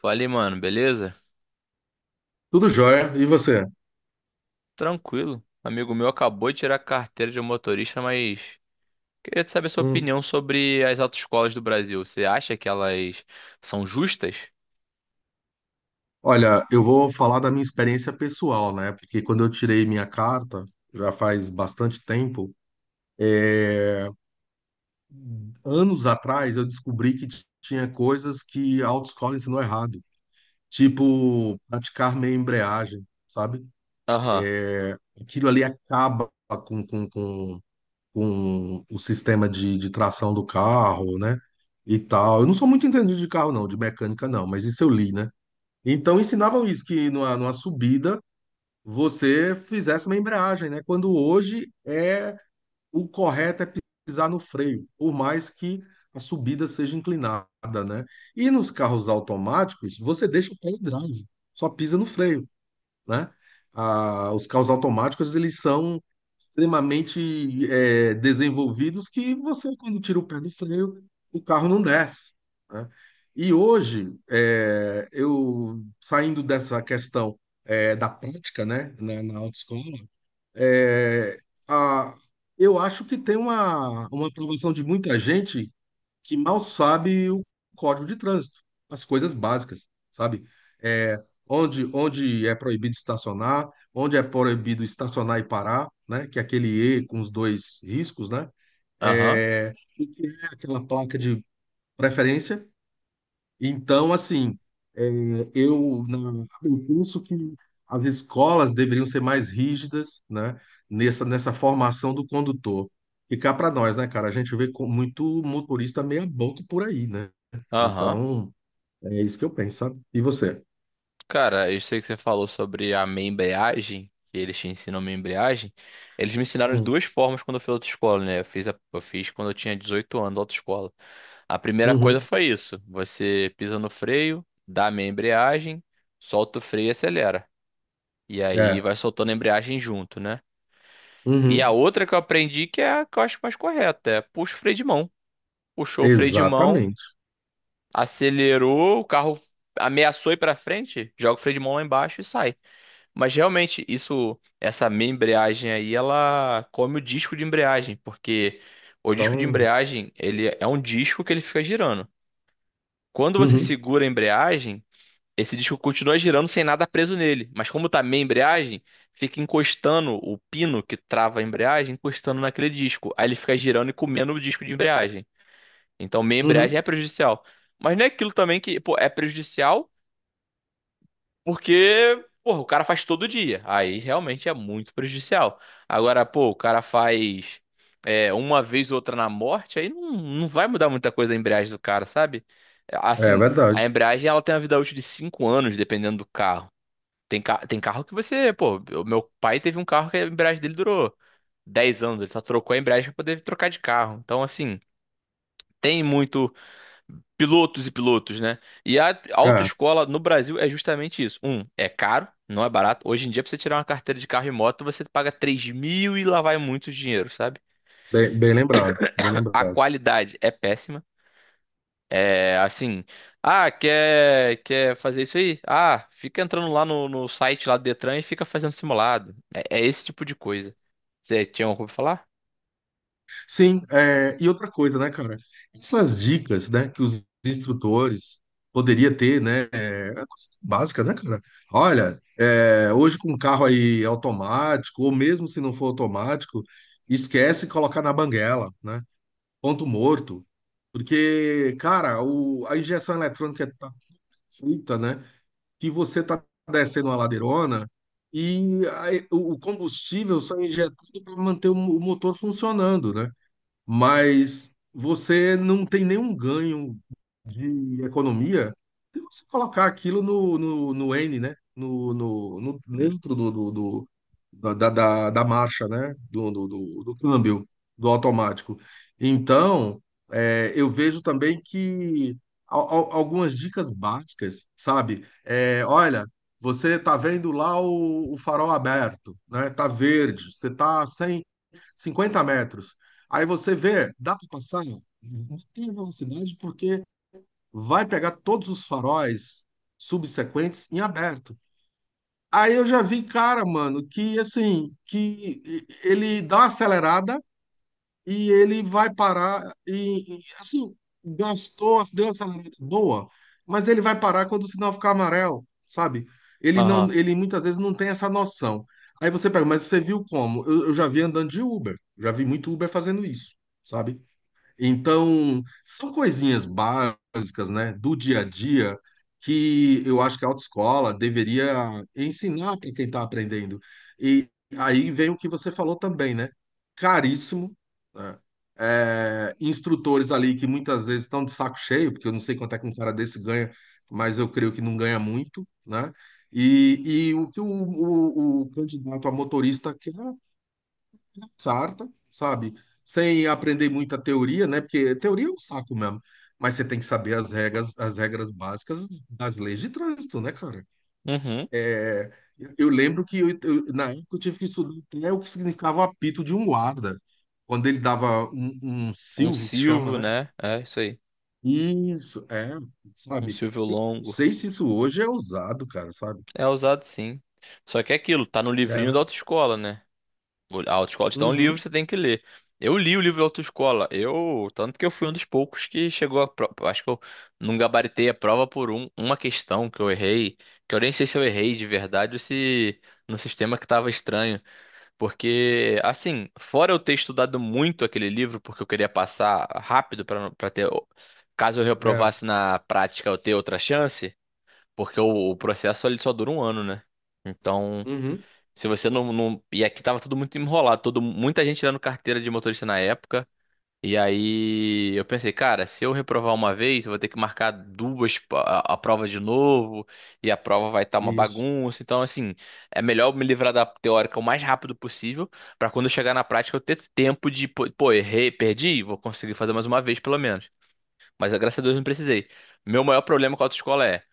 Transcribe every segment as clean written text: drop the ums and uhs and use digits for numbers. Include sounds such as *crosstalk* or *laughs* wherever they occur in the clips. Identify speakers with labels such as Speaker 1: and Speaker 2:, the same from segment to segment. Speaker 1: Falei, mano, beleza?
Speaker 2: Tudo jóia. E você?
Speaker 1: Tranquilo. Amigo meu acabou de tirar a carteira de motorista, mas queria te saber sua
Speaker 2: Hum.
Speaker 1: opinião sobre as autoescolas do Brasil. Você acha que elas são justas?
Speaker 2: Olha, eu vou falar da minha experiência pessoal, né? Porque quando eu tirei minha carta, já faz bastante tempo, anos atrás, eu descobri que tinha coisas que a autoescola ensinou errado. Tipo, praticar meia embreagem, sabe?
Speaker 1: Aham,
Speaker 2: Aquilo ali acaba com, com, com, com o sistema de tração do carro, né? E tal. Eu não sou muito entendido de carro, não, de mecânica, não, mas isso eu li, né? Então ensinavam isso, que numa subida você fizesse uma embreagem, né? Quando hoje é o correto é pisar no freio, por mais que a subida seja inclinada, né? E nos carros automáticos, você deixa o pé em drive, só pisa no freio, né? Ah, os carros automáticos, eles são extremamente desenvolvidos, que você, quando tira o pé do freio, o carro não desce, né? E hoje, eu saindo dessa questão da prática, né, na autoescola, é, a, eu acho que tem uma aprovação de muita gente que mal sabe o código de trânsito, as coisas básicas, sabe? É, onde é proibido estacionar, onde é proibido estacionar e parar, né? Que é aquele E com os dois riscos, né?
Speaker 1: aham,
Speaker 2: É, o que é aquela placa de preferência, então, assim, é, eu penso que as escolas deveriam ser mais rígidas, né, nessa formação do condutor. E cá para nós, né, cara? A gente vê com muito motorista meia-boca por aí, né?
Speaker 1: aham.
Speaker 2: Então, é isso que eu penso, sabe? E você?
Speaker 1: Cara, eu sei que você falou sobre a minha embreagem, que eles te ensinam minha embreagem. Eles me ensinaram de
Speaker 2: Hum.
Speaker 1: duas formas quando eu fiz autoescola, né? Eu fiz quando eu tinha 18 anos, autoescola. A primeira coisa
Speaker 2: Uhum.
Speaker 1: foi isso: você pisa no freio, dá a meia embreagem, solta o freio e acelera. E aí
Speaker 2: É.
Speaker 1: vai soltando a embreagem junto, né? E a
Speaker 2: Uhum.
Speaker 1: outra que eu aprendi que é a que eu acho mais correta, é puxa o freio de mão. Puxou o freio de mão,
Speaker 2: Exatamente.
Speaker 1: acelerou, o carro ameaçou ir pra frente, joga o freio de mão lá embaixo e sai. Mas realmente isso, essa meia embreagem aí, ela come o disco de embreagem, porque o disco de
Speaker 2: Então,
Speaker 1: embreagem, ele é um disco que ele fica girando. Quando você
Speaker 2: uhum.
Speaker 1: segura a embreagem, esse disco continua girando sem nada preso nele, mas como tá meia embreagem, fica encostando o pino que trava a embreagem, encostando naquele disco. Aí ele fica girando e comendo o disco de embreagem. Então meia embreagem
Speaker 2: Uhum.
Speaker 1: é prejudicial. Mas não é aquilo também que, pô, é prejudicial porque, porra, o cara faz todo dia. Aí realmente é muito prejudicial. Agora, pô, o cara faz é, uma vez ou outra na morte, aí não vai mudar muita coisa a embreagem do cara, sabe?
Speaker 2: É
Speaker 1: Assim,
Speaker 2: verdade.
Speaker 1: a embreagem ela tem uma vida útil de 5 anos, dependendo do carro. Tem carro que você, pô, o meu pai teve um carro que a embreagem dele durou 10 anos, ele só trocou a embreagem pra poder trocar de carro. Então, assim, tem muito pilotos e pilotos, né? E a
Speaker 2: Cara,
Speaker 1: autoescola no Brasil é justamente isso. Um, é caro, não é barato. Hoje em dia, pra você tirar uma carteira de carro e moto, você paga 3 mil e lá vai muito dinheiro, sabe?
Speaker 2: bem lembrado. Bem
Speaker 1: A
Speaker 2: lembrado.
Speaker 1: qualidade é péssima. É assim, ah, quer fazer isso aí? Ah, fica entrando lá no site lá do Detran e fica fazendo simulado. É, é esse tipo de coisa. Você tinha algo pra falar?
Speaker 2: Sim, e outra coisa, né, cara? Essas dicas, né, que os instrutores poderia ter, né, é uma coisa básica, né, cara? Olha, hoje com um carro aí automático, ou mesmo se não for automático, esquece colocar na banguela, né? Ponto morto. Porque, cara, a injeção eletrônica tá feita, né, que você tá descendo uma ladeirona e aí o combustível só é injetado para manter o o motor funcionando, né? Mas você não tem nenhum ganho de economia se você colocar aquilo no N, né?
Speaker 1: Hum.
Speaker 2: Dentro da marcha, né? Do câmbio, do automático. Então, eu vejo também que algumas dicas básicas, sabe? É, olha, você tá vendo lá o farol aberto, né? Tá verde, você tá sem 50 metros. Aí você vê, dá para passar? Não tem velocidade porque vai pegar todos os faróis subsequentes em aberto. Aí eu já vi, cara, mano, que assim, que ele dá uma acelerada e ele vai parar e, assim, gastou, deu uma acelerada boa, mas ele vai parar quando o sinal ficar amarelo, sabe? Ele não,
Speaker 1: Aham.
Speaker 2: ele muitas vezes não tem essa noção. Aí você pega, mas você viu como? Eu já vi andando de Uber, já vi muito Uber fazendo isso, sabe? Então, são coisinhas básicas, né, do dia a dia que eu acho que a autoescola deveria ensinar para quem está aprendendo. E aí vem o que você falou também, né? Caríssimo, né? É, instrutores ali que muitas vezes estão de saco cheio, porque eu não sei quanto é que um cara desse ganha, mas eu creio que não ganha muito, né? E, e o que o candidato a motorista quer Sarta, sabe? Sem aprender muita teoria, né? Porque teoria é um saco mesmo. Mas você tem que saber as regras básicas das leis de trânsito, né, cara?
Speaker 1: Uhum.
Speaker 2: É, eu lembro que na época eu tive que estudar até o que significava o apito de um guarda, quando ele dava um, um
Speaker 1: Um
Speaker 2: silvo, que chama,
Speaker 1: Silvio,
Speaker 2: né?
Speaker 1: né? É isso aí.
Speaker 2: Isso, é,
Speaker 1: Um
Speaker 2: sabe?
Speaker 1: Silvio
Speaker 2: Eu não
Speaker 1: longo.
Speaker 2: sei se isso hoje é usado, cara, sabe?
Speaker 1: É usado sim. Só que é aquilo, tá no
Speaker 2: É,
Speaker 1: livrinho da
Speaker 2: né?
Speaker 1: autoescola, né? A autoescola te dá um livro,
Speaker 2: Uhum,
Speaker 1: você tem que ler. Eu li o livro da autoescola. Eu, tanto que eu fui um dos poucos que chegou a prova. Acho que eu não gabaritei a prova por uma questão que eu errei, que eu nem sei se eu errei de verdade ou se no sistema que estava estranho, porque assim, fora eu ter estudado muito aquele livro porque eu queria passar rápido para ter, caso eu
Speaker 2: é,
Speaker 1: reprovasse na prática, eu ter outra chance, porque o processo ele só dura 1 ano, né? Então,
Speaker 2: uhum,
Speaker 1: se você e aqui tava tudo muito enrolado, todo muita gente tirando carteira de motorista na época. E aí eu pensei, cara, se eu reprovar uma vez, eu vou ter que marcar a prova de novo, e a prova vai estar uma
Speaker 2: isso,
Speaker 1: bagunça. Então, assim, é melhor eu me livrar da teórica o mais rápido possível, pra quando eu chegar na prática eu ter tempo de, pô, errei, perdi, vou conseguir fazer mais uma vez pelo menos. Mas graças a Deus não precisei. Meu maior problema com a autoescola é,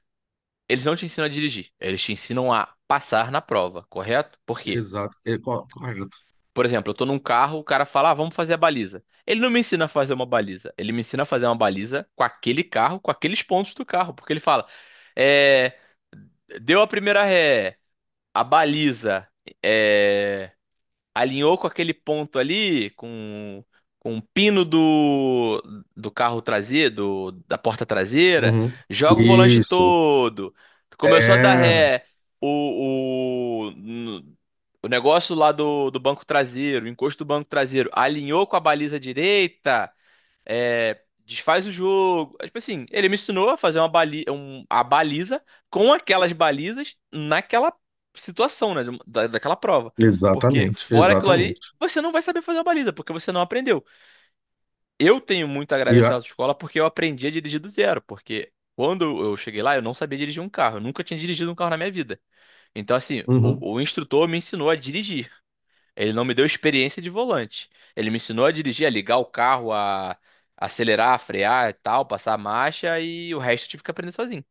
Speaker 1: eles não te ensinam a dirigir, eles te ensinam a passar na prova, correto? Por quê?
Speaker 2: exato, correto.
Speaker 1: Por exemplo, eu tô num carro, o cara fala, ah, vamos fazer a baliza. Ele não me ensina a fazer uma baliza. Ele me ensina a fazer uma baliza com aquele carro, com aqueles pontos do carro. Porque ele fala, é, deu a primeira ré, a baliza, é, alinhou com aquele ponto ali, com o pino do carro traseiro, da porta traseira,
Speaker 2: Uhum.
Speaker 1: joga o volante
Speaker 2: Isso.
Speaker 1: todo. Começou a dar
Speaker 2: É,
Speaker 1: ré, o, no- o negócio lá do banco traseiro, o encosto do banco traseiro, alinhou com a baliza direita, é, desfaz o jogo. É, tipo assim, ele me ensinou a fazer uma a baliza com aquelas balizas naquela situação, né? Daquela prova. Porque
Speaker 2: exatamente,
Speaker 1: fora aquilo
Speaker 2: exatamente.
Speaker 1: ali, você não vai saber fazer uma baliza, porque você não aprendeu. Eu tenho muito a
Speaker 2: E, a-
Speaker 1: agradecer à autoescola porque eu aprendi a dirigir do zero, porque. Quando eu cheguei lá, eu não sabia dirigir um carro. Eu nunca tinha dirigido um carro na minha vida. Então, assim,
Speaker 2: uhum,
Speaker 1: o instrutor me ensinou a dirigir. Ele não me deu experiência de volante. Ele me ensinou a dirigir, a ligar o carro, a acelerar, a frear e tal, passar a marcha e o resto eu tive que aprender sozinho.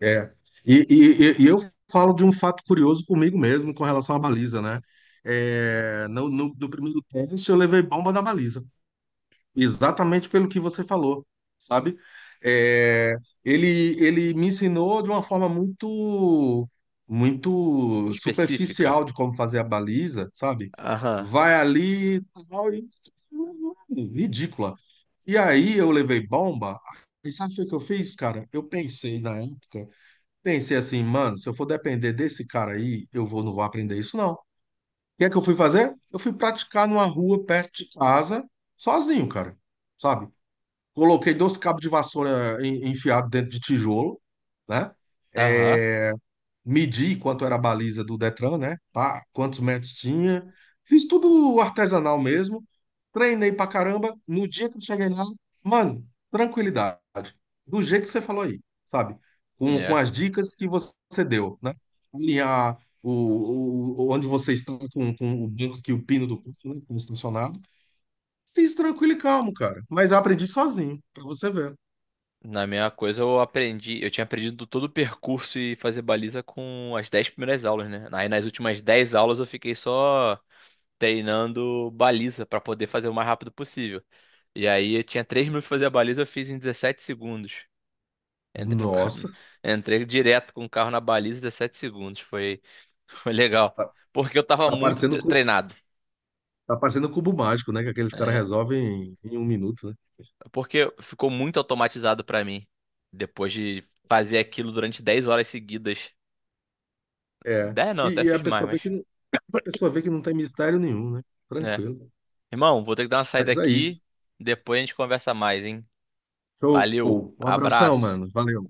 Speaker 2: é. Eu falo de um fato curioso comigo mesmo com relação à baliza, né? É, no primeiro teste eu levei bomba na baliza. Exatamente pelo que você falou, sabe? É, ele me ensinou de uma forma muito, muito
Speaker 1: Específica.
Speaker 2: superficial de como fazer a baliza, sabe?
Speaker 1: Aham,
Speaker 2: Vai ali, tal, e- ridícula. E aí eu levei bomba. E sabe o que eu fiz, cara? Eu pensei na época, pensei assim, mano, se eu for depender desse cara aí, eu vou, não vou aprender isso, não. O que é que eu fui fazer? Eu fui praticar numa rua perto de casa, sozinho, cara. Sabe? Coloquei dois cabos de vassoura enfiado dentro de tijolo, né?
Speaker 1: aham.
Speaker 2: É, medi quanto era a baliza do Detran, né? Pá, quantos metros tinha. Fiz tudo artesanal mesmo. Treinei pra caramba. No dia que eu cheguei lá, mano, tranquilidade. Do jeito que você falou aí, sabe? Com
Speaker 1: É.
Speaker 2: as dicas que você deu, né? Alinhar onde você está com o banco que o pino do carro, né? Que está estacionado. Fiz tranquilo e calmo, cara. Mas aprendi sozinho, pra você ver.
Speaker 1: Na minha coisa eu aprendi, eu tinha aprendido todo o percurso e fazer baliza com as 10 primeiras aulas, né? Aí nas últimas 10 aulas eu fiquei só treinando baliza pra poder fazer o mais rápido possível. E aí eu tinha 3 minutos pra fazer a baliza, eu fiz em 17 segundos. Entrei, no ca-
Speaker 2: Nossa,
Speaker 1: *laughs* entrei direto com o carro na baliza em 17 segundos. Foi, *laughs* foi legal.
Speaker 2: tá,
Speaker 1: Porque eu tava
Speaker 2: tá
Speaker 1: muito
Speaker 2: parecendo, cu-
Speaker 1: treinado.
Speaker 2: tá parecendo cubo mágico, né? Que aqueles caras
Speaker 1: É,
Speaker 2: resolvem em, em 1 minuto, né?
Speaker 1: porque ficou muito automatizado pra mim. Depois de fazer aquilo durante 10 horas seguidas.
Speaker 2: É.
Speaker 1: 10 não, até
Speaker 2: E, e a
Speaker 1: fiz mais,
Speaker 2: pessoa vê
Speaker 1: mas.
Speaker 2: que, a pessoa vê que não tem mistério nenhum, né?
Speaker 1: É.
Speaker 2: Tranquilo.
Speaker 1: Irmão, vou ter que dar uma saída
Speaker 2: Mas é isso.
Speaker 1: aqui. Depois a gente conversa mais, hein?
Speaker 2: Show.
Speaker 1: Valeu,
Speaker 2: Um abração,
Speaker 1: abraço.
Speaker 2: mano. Valeu.